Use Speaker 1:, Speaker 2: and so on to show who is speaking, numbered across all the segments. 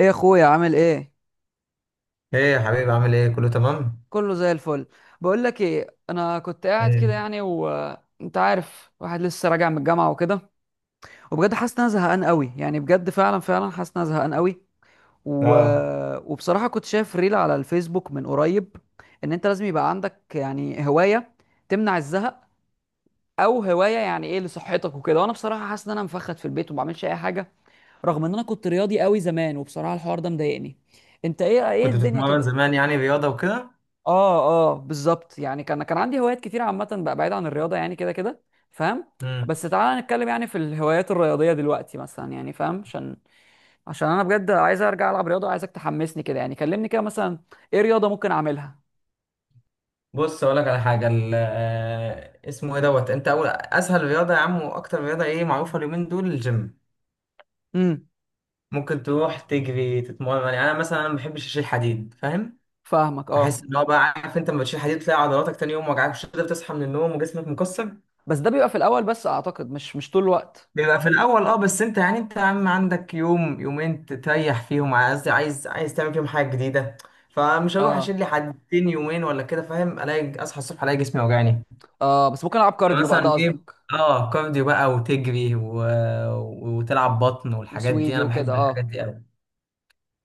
Speaker 1: ايه يا اخويا، عامل ايه؟
Speaker 2: ايه يا حبيبي، عامل ايه؟ كله تمام.
Speaker 1: كله زي الفل. بقول لك ايه، انا كنت قاعد كده
Speaker 2: ايه.
Speaker 1: يعني وانت عارف واحد لسه راجع من الجامعه وكده، وبجد حاسس ان انا زهقان قوي يعني، بجد فعلا فعلا حاسس ان انا زهقان قوي و...
Speaker 2: اه،
Speaker 1: وبصراحه كنت شايف ريل على الفيسبوك من قريب ان انت لازم يبقى عندك يعني هوايه تمنع الزهق، او هوايه يعني ايه لصحتك وكده. وانا بصراحه حاسس ان انا مفخد في البيت وما بعملش اي حاجه رغم ان انا كنت رياضي قوي زمان، وبصراحه الحوار ده مضايقني. انت ايه
Speaker 2: كنت
Speaker 1: الدنيا
Speaker 2: بتتمرن
Speaker 1: كده؟
Speaker 2: زمان يعني رياضه وكده؟
Speaker 1: اه اه، بالظبط. يعني كان عندي هوايات كتير عامة بقى بعيد عن الرياضة يعني كده كده، فاهم؟
Speaker 2: امم.
Speaker 1: بس تعالى نتكلم يعني في الهوايات الرياضية دلوقتي مثلا، يعني فاهم، عشان، عشان انا بجد عايز ارجع العب رياضة. عايزك تحمسني كده يعني، كلمني كده مثلا، ايه رياضة ممكن اعملها؟
Speaker 2: بص اقول لك على حاجه اسمه ايه دوت. انت اول اسهل رياضه يا عم، واكتر رياضه ايه معروفه اليومين دول الجيم.
Speaker 1: امم
Speaker 2: ممكن تروح تجري تتمرن، يعني مثلا أنا ما بحبش اشيل حديد، فاهم.
Speaker 1: فاهمك،
Speaker 2: احس
Speaker 1: اه.
Speaker 2: ان هو بقى، عارف انت لما بتشيل حديد، تلاقي عضلاتك تاني يوم وجعك، مش قادر تصحى من النوم وجسمك مكسر.
Speaker 1: بس ده بيبقى في الاول بس، اعتقد مش طول الوقت.
Speaker 2: بيبقى في الاول، اه، بس انت يا عم عندك يوم يومين تريح فيهم، عايز تعمل فيهم حاجه جديده. فمش هروح
Speaker 1: اه
Speaker 2: اشيل لي حدتين يومين ولا كده، فاهم، الاقي اصحى الصبح الاقي جسمي وجعني.
Speaker 1: اه، بس ممكن العب كارديو بقى، ده
Speaker 2: مثلا ايه؟
Speaker 1: قصدك؟
Speaker 2: اه، كارديو بقى وتجري وتلعب بطن والحاجات دي،
Speaker 1: وسويدي
Speaker 2: انا
Speaker 1: وكده،
Speaker 2: بحب الحاجات
Speaker 1: اه.
Speaker 2: دي قوي.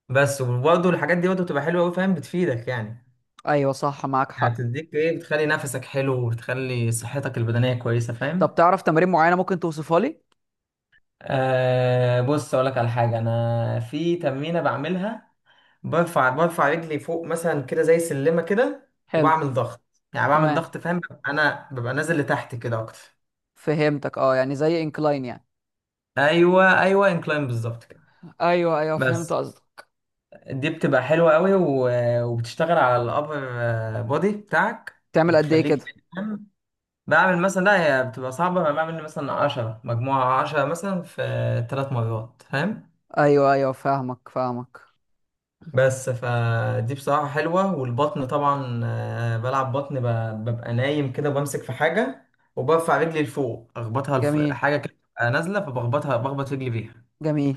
Speaker 2: بس وبرضه الحاجات دي برضه بتبقى حلوه قوي، فاهم، بتفيدك يعني.
Speaker 1: ايوه صح، معاك
Speaker 2: يعني
Speaker 1: حق.
Speaker 2: بتديك ايه، بتخلي نفسك حلو، وبتخلي صحتك البدنيه كويسه،
Speaker 1: طب
Speaker 2: فاهم.
Speaker 1: تعرف تمارين معينة ممكن توصفها لي؟
Speaker 2: بص اقول لك على حاجه، انا في تمرينه بعملها. برفع رجلي فوق مثلا كده زي سلمة كده،
Speaker 1: حلو.
Speaker 2: وبعمل ضغط. يعني بعمل
Speaker 1: تمام،
Speaker 2: ضغط، فاهم، انا ببقى نازل لتحت كده اكتر.
Speaker 1: فهمتك اه، يعني زي انكلاين يعني.
Speaker 2: ايوه ايوه، انكلاين بالظبط كده.
Speaker 1: ايوه ايوه، فهمت
Speaker 2: بس
Speaker 1: قصدك.
Speaker 2: دي بتبقى حلوة قوي، و- وبتشتغل على الابر بودي بتاعك،
Speaker 1: تعمل قد ايه
Speaker 2: بتخليك،
Speaker 1: كده؟
Speaker 2: فاهم؟ بعمل مثلا، لا هي بتبقى صعبة، أنا بعمل مثلا 10 مجموعة، 10 مثلا في 3 مرات، فاهم.
Speaker 1: ايوه ايوه، فاهمك فاهمك.
Speaker 2: بس فدي بصراحة حلوة. والبطن طبعا، بلعب بطن، ببقى نايم كده وبمسك في حاجة، وبرفع رجلي لفوق أخبطها
Speaker 1: جميل،
Speaker 2: حاجة كده بتبقى نازلة، بخبط رجلي بيها.
Speaker 1: جميل.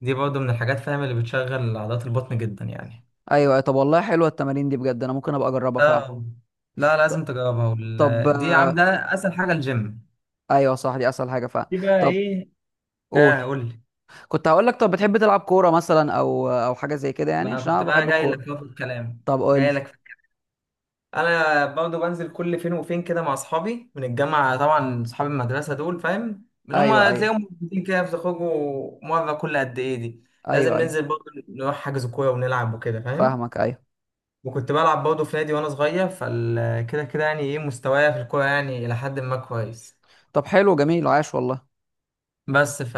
Speaker 2: دي برضه من الحاجات، فاهم، اللي بتشغل عضلات البطن جدا يعني.
Speaker 1: ايوه ايوه. طب والله حلوه التمارين دي، بجد انا ممكن ابقى اجربها فعلا.
Speaker 2: اه، لا
Speaker 1: ط-
Speaker 2: لازم تجربها،
Speaker 1: طب
Speaker 2: دي عم
Speaker 1: آه،
Speaker 2: ده. أسهل حاجة الجيم.
Speaker 1: ايوه صح، دي اسهل حاجه فعلا.
Speaker 2: دي بقى
Speaker 1: طب
Speaker 2: إيه؟
Speaker 1: قول.
Speaker 2: قول لي.
Speaker 1: كنت هقول لك، طب بتحب تلعب كوره مثلا او حاجه زي كده؟
Speaker 2: ما
Speaker 1: يعني
Speaker 2: أنا
Speaker 1: عشان انا
Speaker 2: كنت بقى
Speaker 1: بحب
Speaker 2: جاي
Speaker 1: الكوره.
Speaker 2: لك في الكلام،
Speaker 1: طب قول لي.
Speaker 2: جاي لك. انا برضه بنزل كل فين وفين كده مع اصحابي من الجامعه، طبعا اصحاب المدرسه دول، فاهم، اللي هم
Speaker 1: ايوه ايوه،
Speaker 2: تلاقيهم موجودين كده، بتخرجوا مره كل قد ايه دي. لازم
Speaker 1: ايوه ايوه.
Speaker 2: ننزل برضه نروح حجز كوره ونلعب وكده، فاهم.
Speaker 1: فاهمك، ايوه.
Speaker 2: وكنت بلعب برضه في نادي وانا صغير، فال كده كده يعني ايه مستوايا في الكوره، يعني الى حد ما كويس.
Speaker 1: طب حلو، جميل، عاش والله.
Speaker 2: بس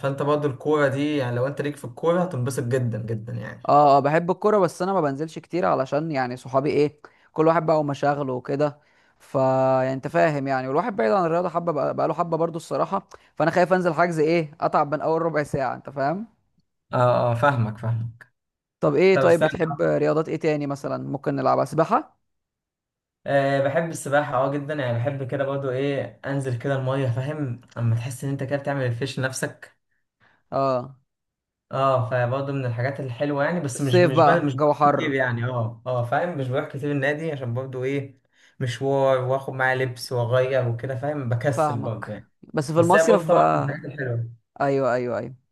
Speaker 2: فانت برضه الكوره دي، يعني لو انت ليك في الكوره هتنبسط جدا جدا يعني.
Speaker 1: اه اه، بحب الكوره، بس انا ما بنزلش كتير علشان يعني صحابي، ايه، كل واحد بقى ومشاغله وكده. ف يعني انت فاهم يعني، والواحد بعيد عن الرياضه حبه بقى، بقاله حبه برضو الصراحه. فانا خايف انزل حجز، ايه، اتعب من اول ربع ساعه، انت فاهم.
Speaker 2: اه اه، فاهمك فاهمك.
Speaker 1: طب ايه،
Speaker 2: طب
Speaker 1: طيب
Speaker 2: استنى.
Speaker 1: بتحب رياضات ايه تاني مثلا ممكن نلعبها؟ سباحه؟
Speaker 2: أه بحب السباحة، اه جدا يعني، بحب كده برضو ايه انزل كده المية، فاهم، اما تحس ان انت كده بتعمل ريفريش لنفسك.
Speaker 1: اه،
Speaker 2: اه، فبرضو من الحاجات الحلوة يعني، بس مش
Speaker 1: الصيف
Speaker 2: مش ب-
Speaker 1: بقى
Speaker 2: مش
Speaker 1: جو
Speaker 2: بروح كتير
Speaker 1: حر.
Speaker 2: يعني. اه اه، فاهم، مش بروح كتير النادي عشان برضو ايه، مشوار واخد معايا لبس واغير وكده، فاهم، بكسل برضو
Speaker 1: فاهمك.
Speaker 2: يعني.
Speaker 1: بس في
Speaker 2: بس هي برضو
Speaker 1: المصيف
Speaker 2: طبعا
Speaker 1: بقى.
Speaker 2: من الحاجات الحلوة.
Speaker 1: ايوه ايوه ايوه،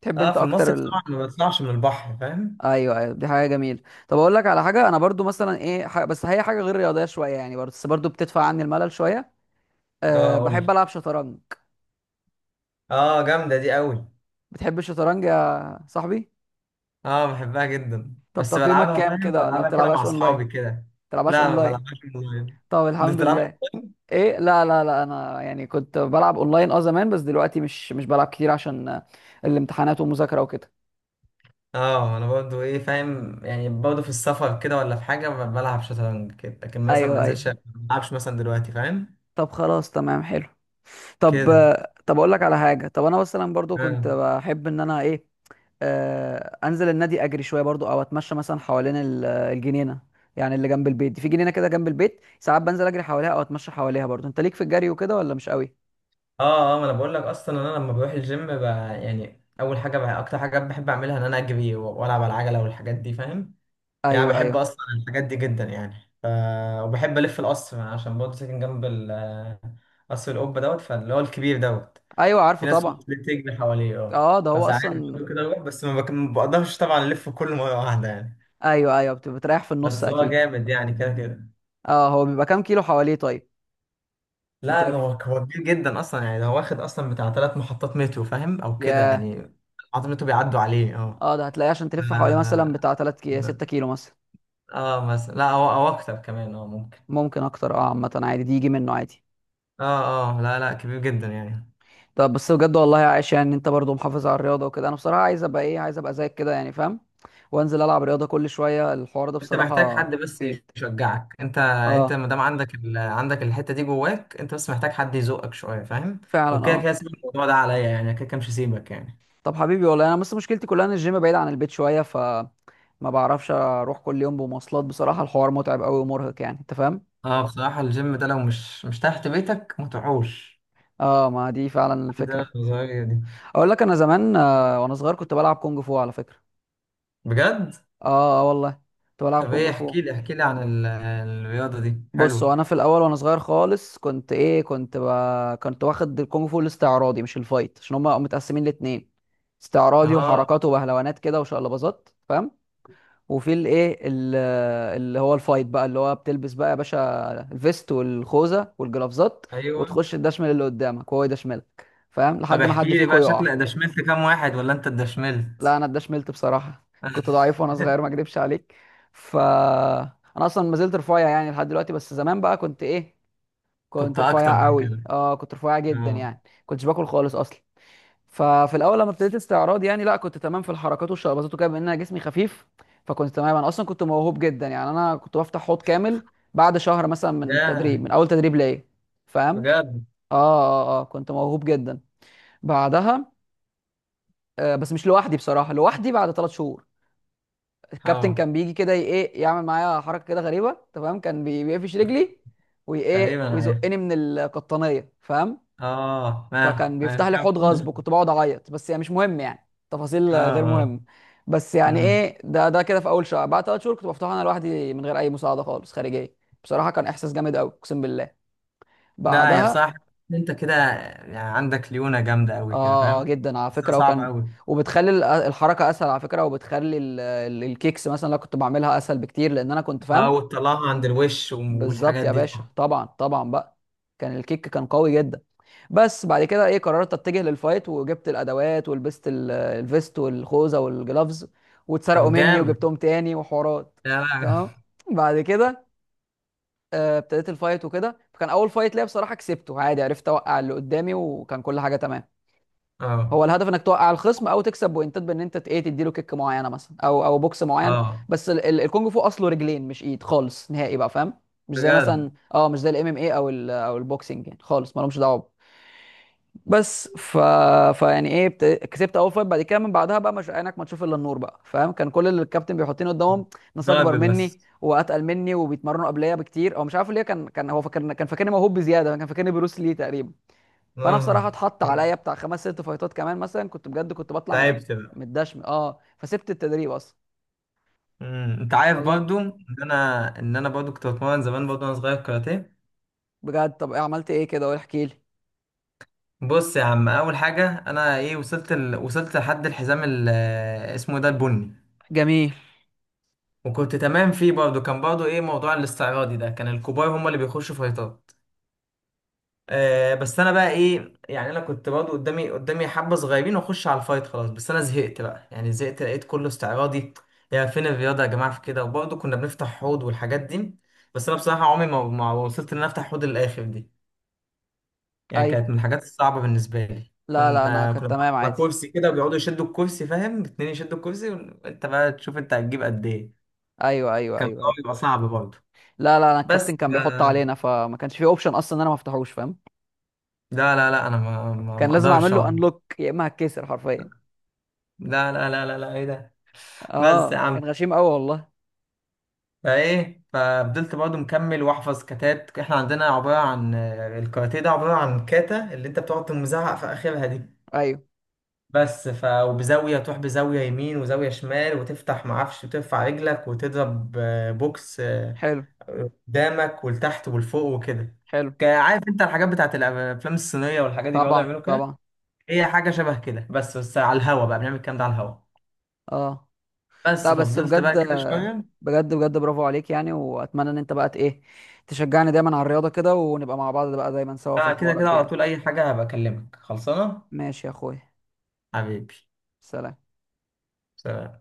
Speaker 1: تحب
Speaker 2: اه،
Speaker 1: انت
Speaker 2: في
Speaker 1: اكتر؟
Speaker 2: المصيف طبعا ما بطلعش من البحر، فاهم.
Speaker 1: ايوه ايوه، دي حاجه جميله. طب اقول لك على حاجه، انا برضو مثلا، ايه، بس هي حاجه غير رياضيه شويه يعني، برضو، بس برضو بتدفع عني الملل شويه.
Speaker 2: اه
Speaker 1: أه، بحب
Speaker 2: قولي.
Speaker 1: العب شطرنج.
Speaker 2: اه، جامدة دي قوي.
Speaker 1: بتحب الشطرنج يا صاحبي؟
Speaker 2: اه، بحبها جدا،
Speaker 1: طب
Speaker 2: بس
Speaker 1: تقييمك
Speaker 2: بلعبها،
Speaker 1: كام
Speaker 2: فاهم،
Speaker 1: كده، ولا
Speaker 2: بلعبها كده مع
Speaker 1: بتلعبهاش اونلاين؟
Speaker 2: اصحابي كده.
Speaker 1: بتلعبهاش
Speaker 2: لا، ما
Speaker 1: اونلاين؟
Speaker 2: بلعبهاش اونلاين.
Speaker 1: طب
Speaker 2: انت
Speaker 1: الحمد
Speaker 2: بتلعب؟
Speaker 1: لله. ايه؟ لا لا لا، انا يعني كنت بلعب اونلاين اه زمان، بس دلوقتي مش بلعب كتير عشان الامتحانات والمذاكره وكده.
Speaker 2: اه، انا برضه ايه، فاهم يعني، برضه في السفر كده ولا في حاجه بلعب شطرنج كده، لكن مثلا ما
Speaker 1: ايوه
Speaker 2: انزلش ما
Speaker 1: ايوه.
Speaker 2: بلعبش مثلا دلوقتي، فاهم،
Speaker 1: طب خلاص، تمام، حلو. طب
Speaker 2: كده.
Speaker 1: طب اقول لك على حاجه. طب انا مثلا برضو كنت
Speaker 2: اه
Speaker 1: بحب ان انا، ايه، انزل النادي اجري شويه برضو، او اتمشى مثلا حوالين الجنينه يعني اللي جنب البيت دي، في جنينه كده جنب البيت، ساعات بنزل اجري حواليها او اتمشى حواليها. برضو انت ليك في الجري وكده ولا مش قوي؟
Speaker 2: اه، ما انا بقول لك اصلا انا لما بروح الجيم يعني اول حاجه بقى اكتر حاجه بحب اعملها ان انا اجري و- والعب على العجله والحاجات دي، فاهم. يعني أنا
Speaker 1: ايوه
Speaker 2: بحب
Speaker 1: ايوه.
Speaker 2: اصلا الحاجات دي جدا يعني ف... وبحب الف القصر عشان برضه ساكن جنب قصر القبة دوت، فاللي هو الكبير دوت.
Speaker 1: ايوه، عارفه
Speaker 2: في ناس
Speaker 1: طبعا.
Speaker 2: بتجري حواليه، اه،
Speaker 1: اه، ده هو
Speaker 2: فساعات
Speaker 1: اصلا.
Speaker 2: بيقولوا كده بروح، بس ما بقدرش طبعا الف كله مرة واحدة يعني.
Speaker 1: ايوه ايوه، بتريح في النص
Speaker 2: بس هو
Speaker 1: اكيد.
Speaker 2: جامد يعني كده كده.
Speaker 1: اه، هو بيبقى كام كيلو حواليه طيب؟ عشان
Speaker 2: لا،
Speaker 1: تلف.
Speaker 2: هو كبير جدا اصلا، يعني هو واخد اصلا بتاع 3 محطات مترو، فاهم، او كده
Speaker 1: ياه.
Speaker 2: يعني. محطات مترو بيعدوا عليه، اه.
Speaker 1: اه، ده هتلاقيه عشان تلف حواليه مثلا
Speaker 2: اه
Speaker 1: بتاع 3 كي 6 كيلو مثلا.
Speaker 2: مثلا لا هو او اكتر كمان، اه، ممكن.
Speaker 1: ممكن اكتر، اه، عامه عادي، دي يجي منه عادي.
Speaker 2: اه اه، لا لا كبير جدا يعني.
Speaker 1: طب بس بجد والله عايش، يعني انت برضو محافظ على الرياضه وكده. انا بصراحه عايز ابقى، ايه، عايز ابقى زيك كده يعني فاهم، وانزل العب رياضه كل شويه. الحوار ده
Speaker 2: انت محتاج
Speaker 1: بصراحه
Speaker 2: حد بس
Speaker 1: مفيد.
Speaker 2: يشجعك، انت
Speaker 1: اه،
Speaker 2: ما دام عندك عندك الحته دي جواك، انت بس محتاج حد يزقك شويه، فاهم.
Speaker 1: فعلا،
Speaker 2: وكده كده
Speaker 1: اه.
Speaker 2: سيب الموضوع ده عليا، يعني كده كده مش هسيبك يعني.
Speaker 1: طب حبيبي والله، انا بس مشكلتي كلها ان الجيم بعيد عن البيت شويه، ف ما بعرفش اروح كل يوم بمواصلات، بصراحه الحوار متعب قوي ومرهق يعني، انت فاهم.
Speaker 2: اه، بصراحه الجيم ده لو مش تحت بيتك ما تروحوش.
Speaker 1: اه، ما دي فعلا
Speaker 2: عندنا
Speaker 1: الفكره.
Speaker 2: النظريه دي.
Speaker 1: اقول لك، انا زمان وانا صغير كنت بلعب كونج فو على فكره.
Speaker 2: بجد؟
Speaker 1: اه اه، والله. كنت بلعب
Speaker 2: طب
Speaker 1: كونج
Speaker 2: ايه،
Speaker 1: فو.
Speaker 2: احكي لي احكي لي عن ال... الرياضه دي
Speaker 1: بص هو
Speaker 2: حلوه.
Speaker 1: انا في الاول وانا صغير خالص كنت، ايه، كنت واخد الكونغ فو الاستعراضي مش الفايت، عشان هما متقسمين لاتنين، استعراضي
Speaker 2: اه.
Speaker 1: وحركات وبهلوانات كده وشقلباظات، فاهم. وفي الايه، اللي هو الفايت بقى، اللي هو بتلبس بقى يا باشا الفيست والخوذه والجلافزات،
Speaker 2: ايوه،
Speaker 1: وتخش تدشمل اللي قدامك وهو يدشملك، فاهم،
Speaker 2: طب
Speaker 1: لحد ما حد
Speaker 2: احكي لي
Speaker 1: فيكم
Speaker 2: بقى
Speaker 1: يقع.
Speaker 2: شكلك دشملت كام واحد ولا انت
Speaker 1: لا،
Speaker 2: اتدشملت؟
Speaker 1: انا اتدشملت بصراحه. كنت ضعيف وانا صغير، ما اكدبش عليك. ف انا اصلا ما زلت رفيع يعني لحد دلوقتي، بس زمان بقى كنت، ايه،
Speaker 2: كنت
Speaker 1: كنت
Speaker 2: اكتر
Speaker 1: رفيع
Speaker 2: من
Speaker 1: قوي،
Speaker 2: كده.
Speaker 1: اه، كنت رفيع جدا
Speaker 2: اه.
Speaker 1: يعني، كنتش باكل خالص اصلا. ففي الاول لما ابتديت استعراض يعني، لا كنت تمام في الحركات والشربات وكده، بما ان أنا جسمي خفيف. فكنت تمام، انا اصلا كنت موهوب جدا يعني، انا كنت بفتح حوض كامل بعد شهر مثلا من
Speaker 2: ياه،
Speaker 1: التدريب، من اول تدريب ليا، فاهم.
Speaker 2: بجد.
Speaker 1: اه اه اه، كنت موهوب جدا. بعدها، آه، بس مش لوحدي بصراحه، لوحدي بعد ثلاث شهور. الكابتن
Speaker 2: اه.
Speaker 1: كان بيجي كده ايه يعمل معايا حركه كده غريبه تمام، كان بيقفش رجلي، وايه،
Speaker 2: تقريبا عارف.
Speaker 1: ويزقني من القطنيه، فاهم.
Speaker 2: اه، ما
Speaker 1: فكان
Speaker 2: ما
Speaker 1: بيفتح لي حوض غصب،
Speaker 2: كمل.
Speaker 1: وكنت بقعد اعيط، بس يعني مش مهم، يعني تفاصيل
Speaker 2: اه
Speaker 1: غير
Speaker 2: اه.
Speaker 1: مهمه. بس يعني
Speaker 2: امم،
Speaker 1: ايه، ده كده في اول شهر، بعد ثلاث شهور كنت بفتحه انا لوحدي من غير اي مساعده خالص خارجيه. بصراحه كان احساس جامد قوي، اقسم بالله.
Speaker 2: لا يا
Speaker 1: بعدها،
Speaker 2: بصراحة، انت كده يعني عندك ليونة جامدة قوي كده،
Speaker 1: اه اه،
Speaker 2: فاهم.
Speaker 1: جدا على
Speaker 2: بس ده
Speaker 1: فكره.
Speaker 2: صعب
Speaker 1: وكان،
Speaker 2: قوي.
Speaker 1: وبتخلي الحركه اسهل على فكره، وبتخلي الكيكس مثلا اللي أنا كنت بعملها اسهل بكتير، لان انا كنت فاهم.
Speaker 2: اه، وتطلعها عند الوش
Speaker 1: بالظبط
Speaker 2: والحاجات
Speaker 1: يا
Speaker 2: دي
Speaker 1: باشا،
Speaker 2: طبعا.
Speaker 1: طبعا طبعا بقى. كان الكيك كان قوي جدا. بس بعد كده، ايه، قررت اتجه للفايت، وجبت الادوات ولبست الفيست والخوذه والجلافز، واتسرقوا
Speaker 2: طب
Speaker 1: مني
Speaker 2: جامد.
Speaker 1: وجبتهم تاني وحوارات.
Speaker 2: لا
Speaker 1: تمام.
Speaker 2: لا.
Speaker 1: بعد كده ابتديت الفايت وكده، فكان اول فايت ليا بصراحه كسبته عادي، عرفت اوقع اللي قدامي، وكان كل حاجه تمام.
Speaker 2: اه
Speaker 1: هو الهدف انك توقع الخصم او تكسب بوينتات، بان انت ايه تديله كيك معينه مثلا او بوكس معين.
Speaker 2: اه،
Speaker 1: بس الكونج فو اصله رجلين، مش ايد خالص نهائي بقى، فاهم.
Speaker 2: بجد.
Speaker 1: مش زي الام ام اي، او البوكسنج يعني، خالص مالهمش دعوه. بس ف فيعني ايه كسبت اول فايت، بعد كده من بعدها بقى مش عينك ما تشوف الا النور بقى، فاهم. كان كل اللي الكابتن بيحطني قدامهم ناس اكبر
Speaker 2: ضرب
Speaker 1: مني
Speaker 2: بس.
Speaker 1: واتقل مني وبيتمرنوا قبليه بكتير. هو مش عارف ليه، كان هو فاكر، كان فاكرني موهوب بزياده، كان فاكرني بروس لي تقريبا. فانا
Speaker 2: اه،
Speaker 1: بصراحه اتحط عليا بتاع خمس ست فايتات كمان مثلا، كنت بجد كنت بطلع
Speaker 2: تعبت بقى.
Speaker 1: متدشم، اه، فسبت التدريب اصلا.
Speaker 2: امم، انت عارف
Speaker 1: والله.
Speaker 2: برضو ان انا برضو كنت بتمرن زمان برضو وانا صغير كاراتيه.
Speaker 1: بجد، طب إيه، عملت ايه كده؟ احكي لي.
Speaker 2: بص يا عم، اول حاجه انا ايه وصلت وصلت لحد الحزام اسمه ده البني.
Speaker 1: جميل.
Speaker 2: وكنت تمام فيه برضه، كان برضه ايه موضوع الاستعراضي ده، كان الكبار هم اللي بيخشوا فايتات. بس انا بقى ايه، يعني انا كنت برضه قدامي قدامي حبه صغيرين، واخش على الفايت خلاص، بس انا زهقت بقى، يعني زهقت، لقيت كله استعراضي. يا فين الرياضه يا جماعه، في كده، وبرضه كنا بنفتح حوض والحاجات دي. بس انا بصراحه عمري ما وصلت ان انا افتح حوض للاخر دي. يعني
Speaker 1: ايوه.
Speaker 2: كانت من الحاجات الصعبة بالنسبة لي،
Speaker 1: لا لا، انا
Speaker 2: كنا
Speaker 1: كنت
Speaker 2: بنقعد
Speaker 1: تمام
Speaker 2: على
Speaker 1: عادي.
Speaker 2: كرسي كده، وبيقعدوا يشدوا الكرسي، فاهم، اتنين يشدوا الكرسي وانت بقى تشوف انت هتجيب قد ايه.
Speaker 1: ايوه ايوه،
Speaker 2: كان
Speaker 1: ايوه
Speaker 2: الأول
Speaker 1: ايوه.
Speaker 2: بيبقى صعب برضه،
Speaker 1: لا لا، انا
Speaker 2: بس
Speaker 1: الكابتن كان بيحط علينا، فما كانش في اوبشن اصلا ان انا ما افتحوش، فاهم.
Speaker 2: لا لا لا انا ما ما
Speaker 1: كان
Speaker 2: ما
Speaker 1: لازم
Speaker 2: اقدرش
Speaker 1: اعمل له
Speaker 2: أقوم.
Speaker 1: انلوك يا اما هتكسر حرفيا.
Speaker 2: لا لا لا لا لا، ايه ده؟ بس يا
Speaker 1: اه كان
Speaker 2: عم،
Speaker 1: غشيم قوي والله.
Speaker 2: فايه ففضلت برضه مكمل واحفظ كاتات. احنا عندنا عبارة عن، الكاراتيه ده عبارة عن كاتا، اللي انت بتقعد تزعق في اخرها دي.
Speaker 1: ايوه.
Speaker 2: بس ف، وبزاوية تروح، بزاوية يمين وزاوية شمال وتفتح معرفش، وترفع رجلك وتضرب، بوكس
Speaker 1: حلو،
Speaker 2: قدامك ولتحت ولفوق وكده.
Speaker 1: حلو.
Speaker 2: عارف انت الحاجات بتاعت الافلام الصينية والحاجات دي، بيقعدوا
Speaker 1: طبعا
Speaker 2: يعملوا كده.
Speaker 1: طبعا،
Speaker 2: هي حاجة شبه كده، بس على الهوا بقى بنعمل الكلام ده على الهوا.
Speaker 1: اه.
Speaker 2: بس
Speaker 1: لا بس
Speaker 2: ففضلت
Speaker 1: بجد،
Speaker 2: بقى كده شوية.
Speaker 1: بجد بجد، برافو عليك يعني. واتمنى ان انت بقى ايه تشجعني دايما على الرياضه كده، ونبقى مع بعض بقى دايما سوا في
Speaker 2: لا، كده
Speaker 1: الحوارات
Speaker 2: كده
Speaker 1: دي
Speaker 2: على
Speaker 1: يعني.
Speaker 2: طول، أي حاجة هبقى أكلمك، خلصانة.
Speaker 1: ماشي يا اخويا.
Speaker 2: حبيبي،
Speaker 1: سلام.
Speaker 2: سلام.